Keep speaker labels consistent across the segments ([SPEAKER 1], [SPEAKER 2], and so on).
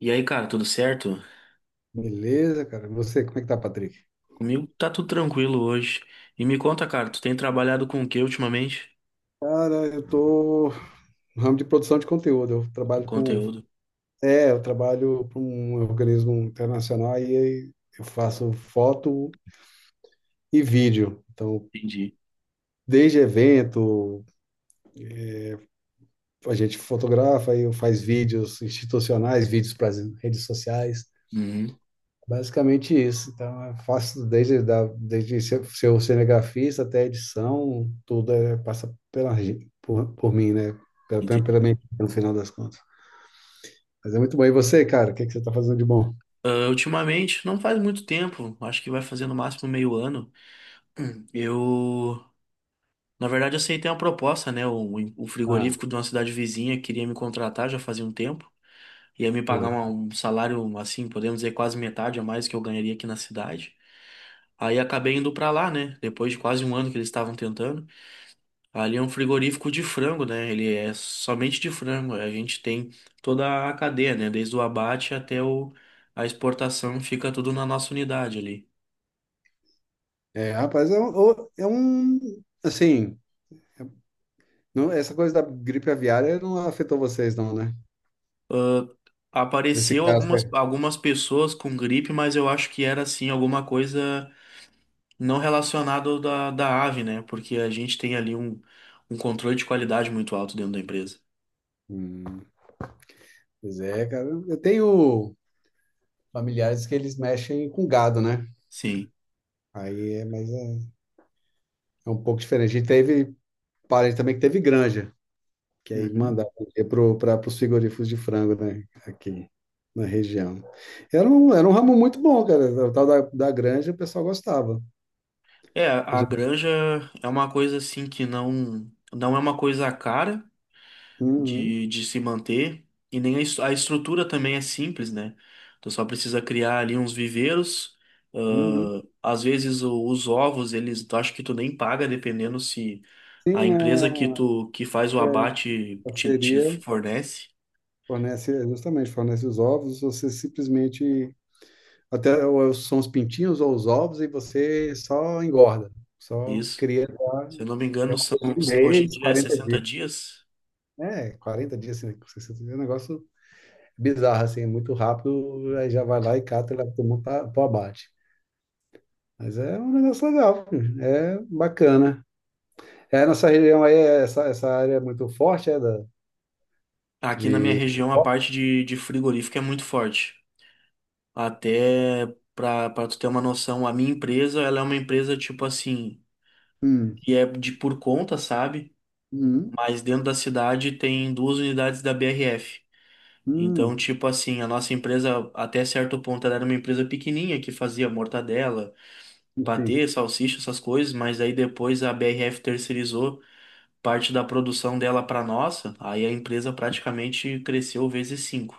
[SPEAKER 1] E aí, cara, tudo certo?
[SPEAKER 2] Beleza, cara. E você, como é que tá, Patrick?
[SPEAKER 1] Comigo tá tudo tranquilo hoje. E me conta, cara, tu tem trabalhado com o que ultimamente?
[SPEAKER 2] Cara, eu tô no ramo de produção de conteúdo. Eu trabalho com.
[SPEAKER 1] Conteúdo.
[SPEAKER 2] É, eu trabalho para um organismo internacional e aí eu faço foto e vídeo. Então,
[SPEAKER 1] Entendi.
[SPEAKER 2] desde evento, a gente fotografa e eu faz vídeos institucionais, vídeos para as redes sociais.
[SPEAKER 1] Uhum,
[SPEAKER 2] Basicamente isso. Então, eu faço desde ser cinegrafista até a edição, tudo é, passa por mim, né? Pela,
[SPEAKER 1] entendi.
[SPEAKER 2] pela, pela minha, equipe, no final das contas. Mas é muito bom. E você, cara, o que, é que você está fazendo de bom?
[SPEAKER 1] Ah, ultimamente, não faz muito tempo, acho que vai fazer no máximo meio ano. Eu, na verdade, aceitei uma proposta, né? O
[SPEAKER 2] Ah,
[SPEAKER 1] frigorífico de uma cidade vizinha queria me contratar já fazia um tempo. Ia me pagar uma-
[SPEAKER 2] ah.
[SPEAKER 1] um salário, assim, podemos dizer, quase metade a mais que eu ganharia aqui na cidade. Aí acabei indo pra lá, né? Depois de quase um ano que eles estavam tentando. Ali é um frigorífico de frango, né? Ele é somente de frango. A gente tem toda a cadeia, né? Desde o abate até a exportação, fica tudo na nossa unidade ali.
[SPEAKER 2] É, rapaz, é um. Assim, não, essa coisa da gripe aviária não afetou vocês, não, né?
[SPEAKER 1] Ah,
[SPEAKER 2] Nesse
[SPEAKER 1] apareceu
[SPEAKER 2] caso, é.
[SPEAKER 1] algumas pessoas com gripe, mas eu acho que era assim alguma coisa não relacionada da ave, né? Porque a gente tem ali um controle de qualidade muito alto dentro da empresa.
[SPEAKER 2] Hum, Pois é, cara. Eu tenho familiares que eles mexem com gado, né?
[SPEAKER 1] Sim.
[SPEAKER 2] Aí é, mas é um pouco diferente. E teve parente também que teve granja, que aí
[SPEAKER 1] Uhum.
[SPEAKER 2] mandava para os frigoríficos de frango, né? Aqui na região. Era um ramo muito bom, cara. O tal da granja, o pessoal gostava.
[SPEAKER 1] É, a granja é uma coisa assim que não, não é uma coisa cara.
[SPEAKER 2] Uhum,
[SPEAKER 1] De se manter. E nem a estrutura também é simples, né? Tu só precisa criar ali uns viveiros.
[SPEAKER 2] uhum.
[SPEAKER 1] Às vezes os ovos, eles, tu acho que tu nem paga, dependendo se a
[SPEAKER 2] Sim,
[SPEAKER 1] empresa que
[SPEAKER 2] a
[SPEAKER 1] tu que faz o abate te
[SPEAKER 2] parceria
[SPEAKER 1] fornece.
[SPEAKER 2] fornece, justamente, fornece os ovos, você simplesmente, até ou é, são os pintinhos ou os ovos, e você só engorda, só
[SPEAKER 1] Isso.
[SPEAKER 2] cria lá,
[SPEAKER 1] Se eu não me
[SPEAKER 2] e é
[SPEAKER 1] engano,
[SPEAKER 2] uma
[SPEAKER 1] são
[SPEAKER 2] coisa de um
[SPEAKER 1] hoje em
[SPEAKER 2] mês,
[SPEAKER 1] dia é
[SPEAKER 2] 40
[SPEAKER 1] 60
[SPEAKER 2] dias,
[SPEAKER 1] dias.
[SPEAKER 2] é, 40 dias, assim, 60 dias, é um negócio bizarra, assim, muito rápido, aí já vai lá e cata e leva todo mundo para o abate. Mas é um negócio legal, filho. É bacana. É, nossa região aí, é essa área é muito forte, é da,
[SPEAKER 1] Aqui na minha
[SPEAKER 2] de.
[SPEAKER 1] região, a parte de frigorífico é muito forte. Até para tu ter uma noção, a minha empresa, ela é uma empresa tipo assim,
[SPEAKER 2] Hum,
[SPEAKER 1] que é de por conta, sabe?
[SPEAKER 2] hum,
[SPEAKER 1] Mas dentro da cidade tem duas unidades da BRF. Então,
[SPEAKER 2] hum,
[SPEAKER 1] tipo assim, a nossa empresa, até certo ponto, ela era uma empresa pequenininha que fazia mortadela,
[SPEAKER 2] sim.
[SPEAKER 1] patê, salsicha, essas coisas, mas aí depois a BRF terceirizou parte da produção dela para nossa, aí a empresa praticamente cresceu vezes cinco.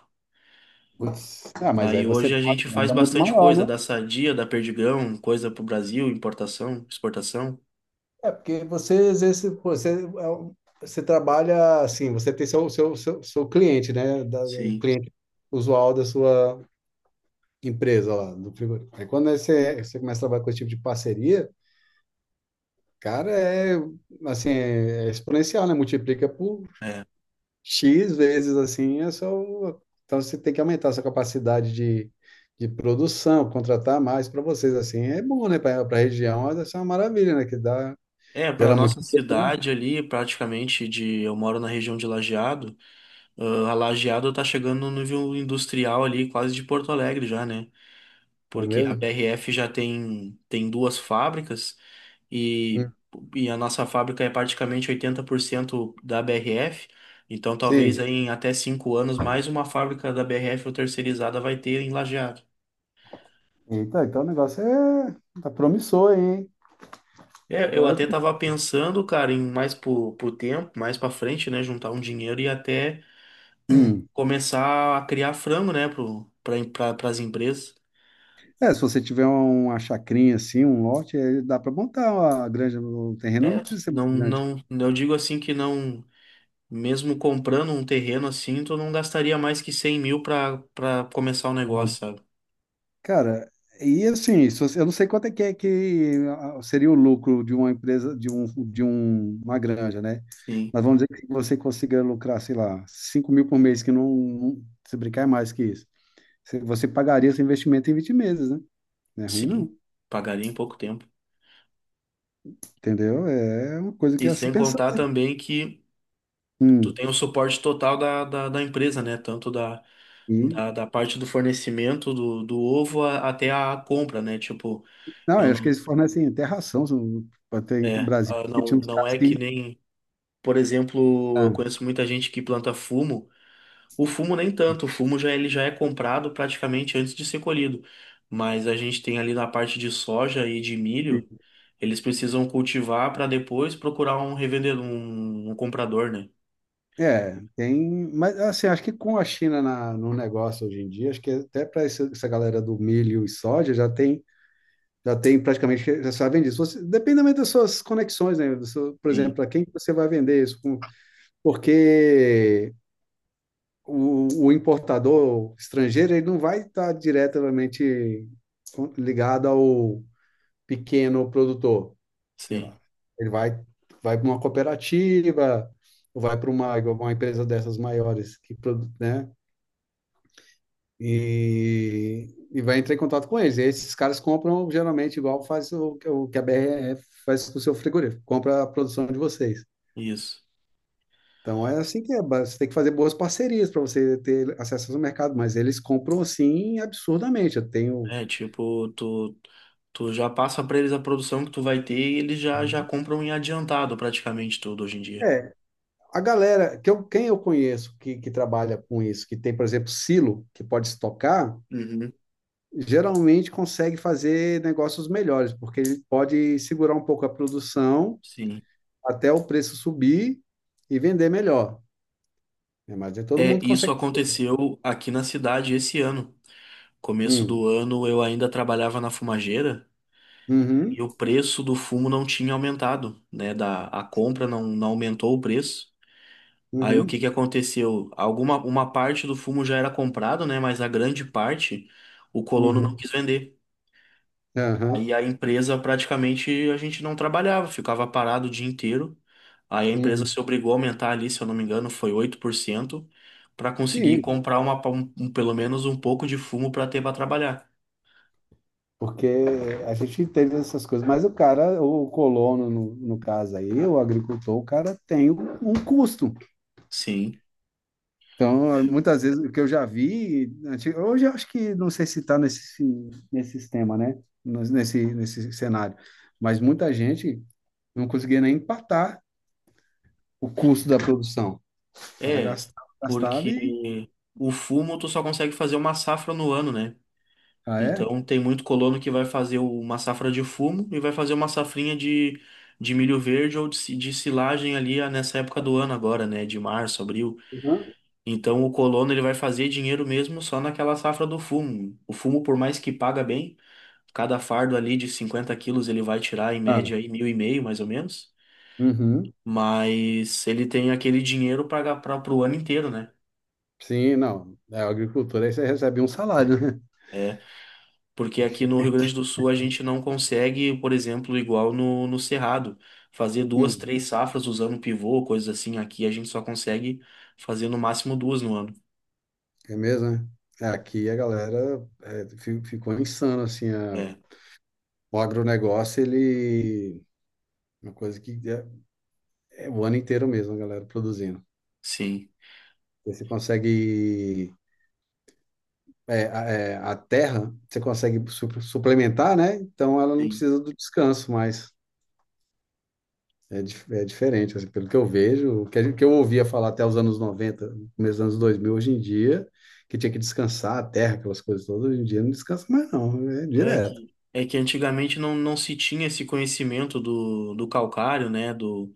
[SPEAKER 2] Putz. Ah, mas aí
[SPEAKER 1] Aí
[SPEAKER 2] você
[SPEAKER 1] hoje
[SPEAKER 2] tem
[SPEAKER 1] a
[SPEAKER 2] uma
[SPEAKER 1] gente faz
[SPEAKER 2] demanda muito
[SPEAKER 1] bastante
[SPEAKER 2] maior,
[SPEAKER 1] coisa
[SPEAKER 2] né?
[SPEAKER 1] da Sadia, da Perdigão, coisa pro Brasil, importação, exportação.
[SPEAKER 2] É, porque você exerce, pô, você, você trabalha assim, você tem seu cliente, né? O
[SPEAKER 1] Sim.
[SPEAKER 2] cliente usual da sua, empresa lá do frigorífico. Aí quando você começa a trabalhar com esse tipo de parceria, cara, é assim, é exponencial, né? Multiplica por
[SPEAKER 1] É.
[SPEAKER 2] X vezes assim, é só. Então você tem que aumentar a sua capacidade de produção, contratar mais para vocês, assim, é bom, né? Para a região, mas essa é uma maravilha, né? Que dá,
[SPEAKER 1] É, para
[SPEAKER 2] gera muito
[SPEAKER 1] nossa
[SPEAKER 2] emprego, né?
[SPEAKER 1] cidade ali, eu moro na região de Lajeado, ah, a Lajeado tá chegando no nível industrial ali, quase de Porto Alegre já, né?
[SPEAKER 2] Não é
[SPEAKER 1] Porque a
[SPEAKER 2] mesmo?
[SPEAKER 1] BRF já tem duas fábricas e,
[SPEAKER 2] Hum.
[SPEAKER 1] e a nossa fábrica é praticamente 80% da BRF, então talvez
[SPEAKER 2] Sim.
[SPEAKER 1] aí em até 5 anos mais uma fábrica da BRF ou terceirizada vai ter em Lajeado.
[SPEAKER 2] Então o negócio é tá promissor aí, hein? Tá
[SPEAKER 1] É, eu
[SPEAKER 2] bom, é?
[SPEAKER 1] até tava pensando, cara, em mais pro tempo, mais pra frente, né, juntar um dinheiro e até
[SPEAKER 2] Hum.
[SPEAKER 1] começar a criar frango, né, para as empresas.
[SPEAKER 2] É, se você tiver uma chacrinha assim, um lote, aí dá para montar uma granja no terreno, não
[SPEAKER 1] É,
[SPEAKER 2] precisa ser
[SPEAKER 1] não,
[SPEAKER 2] muito grande.
[SPEAKER 1] não, eu digo assim que não, mesmo comprando um terreno assim, tu não gastaria mais que 100 mil para começar o negócio, sabe?
[SPEAKER 2] Cara, e assim, se você- eu não sei quanto é que seria o lucro de uma empresa, de uma granja, né?
[SPEAKER 1] Sim,
[SPEAKER 2] Mas vamos dizer que você consiga lucrar, sei lá, 5.000 por mês, que não, se brincar é mais que isso. Você pagaria esse investimento em 20 meses, né? Não é ruim,
[SPEAKER 1] sim,
[SPEAKER 2] não.
[SPEAKER 1] pagaria em pouco tempo.
[SPEAKER 2] Entendeu? É uma coisa que
[SPEAKER 1] E
[SPEAKER 2] é a se
[SPEAKER 1] sem
[SPEAKER 2] pensar.
[SPEAKER 1] contar também que tu
[SPEAKER 2] Hum,
[SPEAKER 1] tem o suporte total da empresa, né, tanto
[SPEAKER 2] e
[SPEAKER 1] da parte do fornecimento do ovo até a compra, né, tipo,
[SPEAKER 2] não,
[SPEAKER 1] eu
[SPEAKER 2] eu acho que
[SPEAKER 1] não,
[SPEAKER 2] eles fornecem até ração. Até em
[SPEAKER 1] é,
[SPEAKER 2] Brasil,
[SPEAKER 1] ah,
[SPEAKER 2] porque tinha uns
[SPEAKER 1] não
[SPEAKER 2] caras
[SPEAKER 1] é que
[SPEAKER 2] que.
[SPEAKER 1] nem. Por exemplo, eu
[SPEAKER 2] ah,
[SPEAKER 1] conheço muita gente que planta fumo. O fumo nem tanto, o fumo já ele já é comprado praticamente antes de ser colhido. Mas a gente tem ali na parte de soja e de milho, eles precisam cultivar para depois procurar um revendedor, um comprador, né?
[SPEAKER 2] É, tem. Mas, assim, acho que com a China no negócio hoje em dia, acho que até para essa, galera do milho e soja já tem praticamente, já sabem disso. Você, depende também das suas conexões, né? Por exemplo,
[SPEAKER 1] Sim,
[SPEAKER 2] para quem que você vai vender isso? Porque o importador estrangeiro, ele não vai estar diretamente ligado ao, pequeno produtor, sei
[SPEAKER 1] sim,
[SPEAKER 2] lá. Ele vai para uma cooperativa, ou vai para uma empresa dessas maiores que né? E vai entrar em contato com eles. E esses caras compram geralmente igual faz o que a BRF faz com o seu frigorífico, compra a produção de vocês.
[SPEAKER 1] isso.
[SPEAKER 2] Então é assim que é, você tem que fazer boas parcerias para você ter acesso ao mercado, mas eles compram assim absurdamente.
[SPEAKER 1] É, tipo, tu, tu já passa para eles a produção que tu vai ter e eles já compram em adiantado praticamente tudo hoje em dia.
[SPEAKER 2] É, A galera, quem eu conheço que trabalha com isso, que tem, por exemplo, silo, que pode estocar,
[SPEAKER 1] Uhum,
[SPEAKER 2] geralmente consegue fazer negócios melhores, porque ele pode segurar um pouco a produção
[SPEAKER 1] sim.
[SPEAKER 2] até o preço subir e vender melhor. Né? Mas é todo
[SPEAKER 1] É,
[SPEAKER 2] mundo
[SPEAKER 1] isso
[SPEAKER 2] consegue.
[SPEAKER 1] aconteceu aqui na cidade esse ano. Começo
[SPEAKER 2] Hum,
[SPEAKER 1] do ano eu ainda trabalhava na fumageira
[SPEAKER 2] uhum,
[SPEAKER 1] e o preço do fumo não tinha aumentado, né? Da, a compra não, não aumentou o preço. Aí o
[SPEAKER 2] uhum,
[SPEAKER 1] que que aconteceu? Alguma uma parte do fumo já era comprado, né? Mas a grande parte o colono não
[SPEAKER 2] uhum,
[SPEAKER 1] quis vender.
[SPEAKER 2] aham,
[SPEAKER 1] Aí a empresa praticamente a gente não trabalhava, ficava parado o dia inteiro. Aí a empresa
[SPEAKER 2] uhum.
[SPEAKER 1] se obrigou a aumentar ali, se eu não me engano, foi 8% para conseguir
[SPEAKER 2] Sim,
[SPEAKER 1] comprar pelo menos um pouco de fumo para ter para trabalhar.
[SPEAKER 2] porque a gente entende essas coisas, mas o cara, o colono, no caso aí, o agricultor, o cara tem um custo.
[SPEAKER 1] Sim.
[SPEAKER 2] Então, muitas vezes o que eu já vi, hoje eu acho que não sei se está nesse sistema, né? Nesse cenário. Mas muita gente não conseguia nem empatar o custo da produção. O cara
[SPEAKER 1] É,
[SPEAKER 2] gastava, gastava e.
[SPEAKER 1] porque o fumo tu só consegue fazer uma safra no ano, né?
[SPEAKER 2] Ah, é?
[SPEAKER 1] Então tem muito colono que vai fazer uma safra de fumo e vai fazer uma safrinha de milho verde ou de silagem ali ah, nessa época do ano agora, né? De março, abril.
[SPEAKER 2] Uhum.
[SPEAKER 1] Então o colono ele vai fazer dinheiro mesmo só naquela safra do fumo. O fumo, por mais que paga bem, cada fardo ali de 50 quilos ele vai tirar em
[SPEAKER 2] Ah,
[SPEAKER 1] média aí mil e meio, mais ou menos.
[SPEAKER 2] uhum.
[SPEAKER 1] Mas ele tem aquele dinheiro para para o ano inteiro, né?
[SPEAKER 2] Sim, não. É a agricultura, aí você recebe um salário, né?
[SPEAKER 1] É, porque aqui no Rio Grande do Sul a gente não consegue, por exemplo, igual no Cerrado, fazer duas,
[SPEAKER 2] Hum,
[SPEAKER 1] três safras usando pivô, coisas assim. Aqui a gente só consegue fazer no máximo duas no ano.
[SPEAKER 2] É mesmo, né? É, aqui a galera ficou insano, assim,
[SPEAKER 1] É,
[SPEAKER 2] o agronegócio, ele, uma coisa que é o ano inteiro mesmo, a galera produzindo.
[SPEAKER 1] sim.
[SPEAKER 2] Você consegue. É, a terra, você consegue suplementar, né? Então ela não
[SPEAKER 1] Sim.
[SPEAKER 2] precisa do descanso mais. É, é diferente, assim, pelo que eu vejo, o que, a gente- que eu ouvia falar até os anos 90 começo dos anos 2000 hoje em dia, que tinha que descansar a terra, aquelas coisas todas, hoje em dia não descansa mais, não, é direto.
[SPEAKER 1] É que antigamente não, não se tinha esse conhecimento do calcário, né? Do,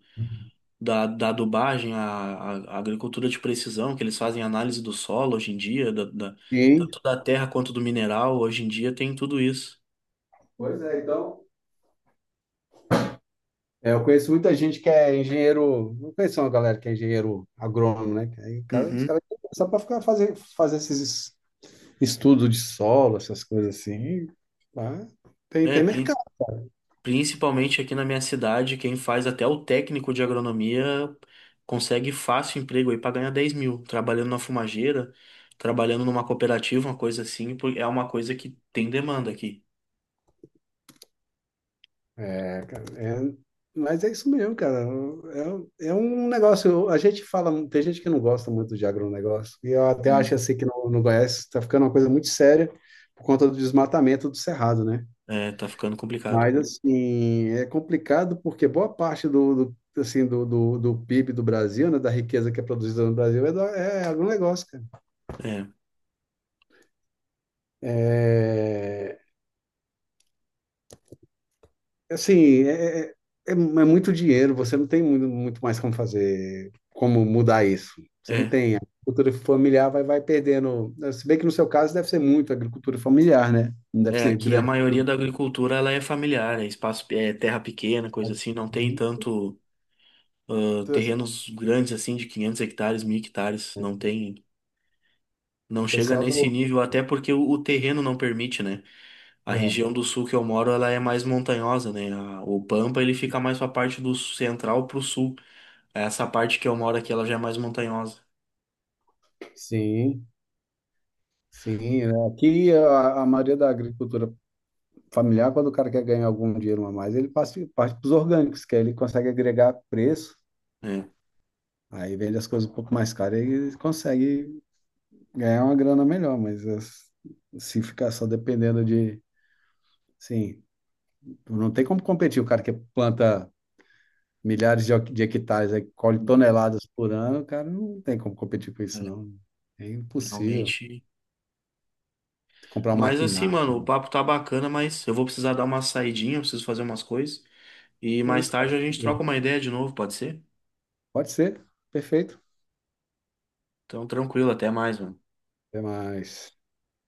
[SPEAKER 1] da, Da adubagem, a agricultura de precisão, que eles fazem análise do solo hoje em dia,
[SPEAKER 2] Sim.
[SPEAKER 1] tanto da terra quanto do mineral. Hoje em dia tem tudo isso.
[SPEAKER 2] Pois é, então. É, eu conheço muita gente que é engenheiro. Não conheço uma galera que é engenheiro agrônomo, né? Que aí, cara, os
[SPEAKER 1] Uhum.
[SPEAKER 2] caras só para ficar fazer, esses estudo de solo, essas coisas assim, tá? Tem,
[SPEAKER 1] É,
[SPEAKER 2] tem
[SPEAKER 1] prin-
[SPEAKER 2] mercado.
[SPEAKER 1] Principalmente aqui na minha cidade, quem faz até o técnico de agronomia consegue fácil emprego aí para ganhar 10 mil, trabalhando na fumageira, trabalhando numa cooperativa, uma coisa assim, porque é uma coisa que tem demanda aqui.
[SPEAKER 2] É, cara, mas é isso mesmo, cara. É, é um negócio. A gente fala, tem gente que não gosta muito de agronegócio, e eu até
[SPEAKER 1] Sim.
[SPEAKER 2] acho assim que não conhece, está ficando uma coisa muito séria por conta do desmatamento do cerrado, né?
[SPEAKER 1] É, tá ficando complicado.
[SPEAKER 2] Mas assim, é complicado porque boa parte assim, do PIB do Brasil, né, da riqueza que é produzida no Brasil, é agronegócio, cara.
[SPEAKER 1] É,
[SPEAKER 2] É, assim, é muito dinheiro, você não tem muito, muito mais como fazer, como mudar isso. Você não
[SPEAKER 1] é,
[SPEAKER 2] tem. A agricultura familiar vai perdendo. Se bem que no seu caso deve ser muito agricultura familiar, né? Não deve ser
[SPEAKER 1] aqui a
[SPEAKER 2] grande.
[SPEAKER 1] maioria da agricultura ela é familiar, é espaço, é terra pequena, coisa assim, não tem
[SPEAKER 2] Sim.
[SPEAKER 1] tanto
[SPEAKER 2] Então, assim,
[SPEAKER 1] terrenos grandes assim de 500 hectares, 1000 hectares, não tem, não
[SPEAKER 2] o
[SPEAKER 1] chega
[SPEAKER 2] pessoal
[SPEAKER 1] nesse
[SPEAKER 2] do.
[SPEAKER 1] nível, até porque o terreno não permite, né? A
[SPEAKER 2] É,
[SPEAKER 1] região do sul que eu moro, ela é mais montanhosa, né? O Pampa, ele fica mais pra parte do central pro sul. Essa parte que eu moro aqui, ela já é mais montanhosa,
[SPEAKER 2] sim, sim. Né? Aqui a maioria da agricultura familiar, quando o cara quer ganhar algum dinheiro a mais, ele passa parte para os orgânicos, que aí ele consegue agregar preço,
[SPEAKER 1] né?
[SPEAKER 2] aí vende as coisas um pouco mais caras e ele consegue ganhar uma grana melhor, mas se ficar só dependendo de, sim, não tem como competir. O cara que planta milhares de hectares, aí colhe toneladas por ano, o cara não tem como competir com isso,
[SPEAKER 1] É,
[SPEAKER 2] não. É impossível.
[SPEAKER 1] realmente.
[SPEAKER 2] Comprar um
[SPEAKER 1] Mas assim,
[SPEAKER 2] maquinário.
[SPEAKER 1] mano, o papo tá bacana, mas eu vou precisar dar uma saidinha, eu preciso fazer umas coisas. E
[SPEAKER 2] É
[SPEAKER 1] mais
[SPEAKER 2] isso, cara.
[SPEAKER 1] tarde a gente troca uma ideia de novo, pode ser?
[SPEAKER 2] Pode ser. Perfeito.
[SPEAKER 1] Então, tranquilo, até mais, mano.
[SPEAKER 2] Até mais.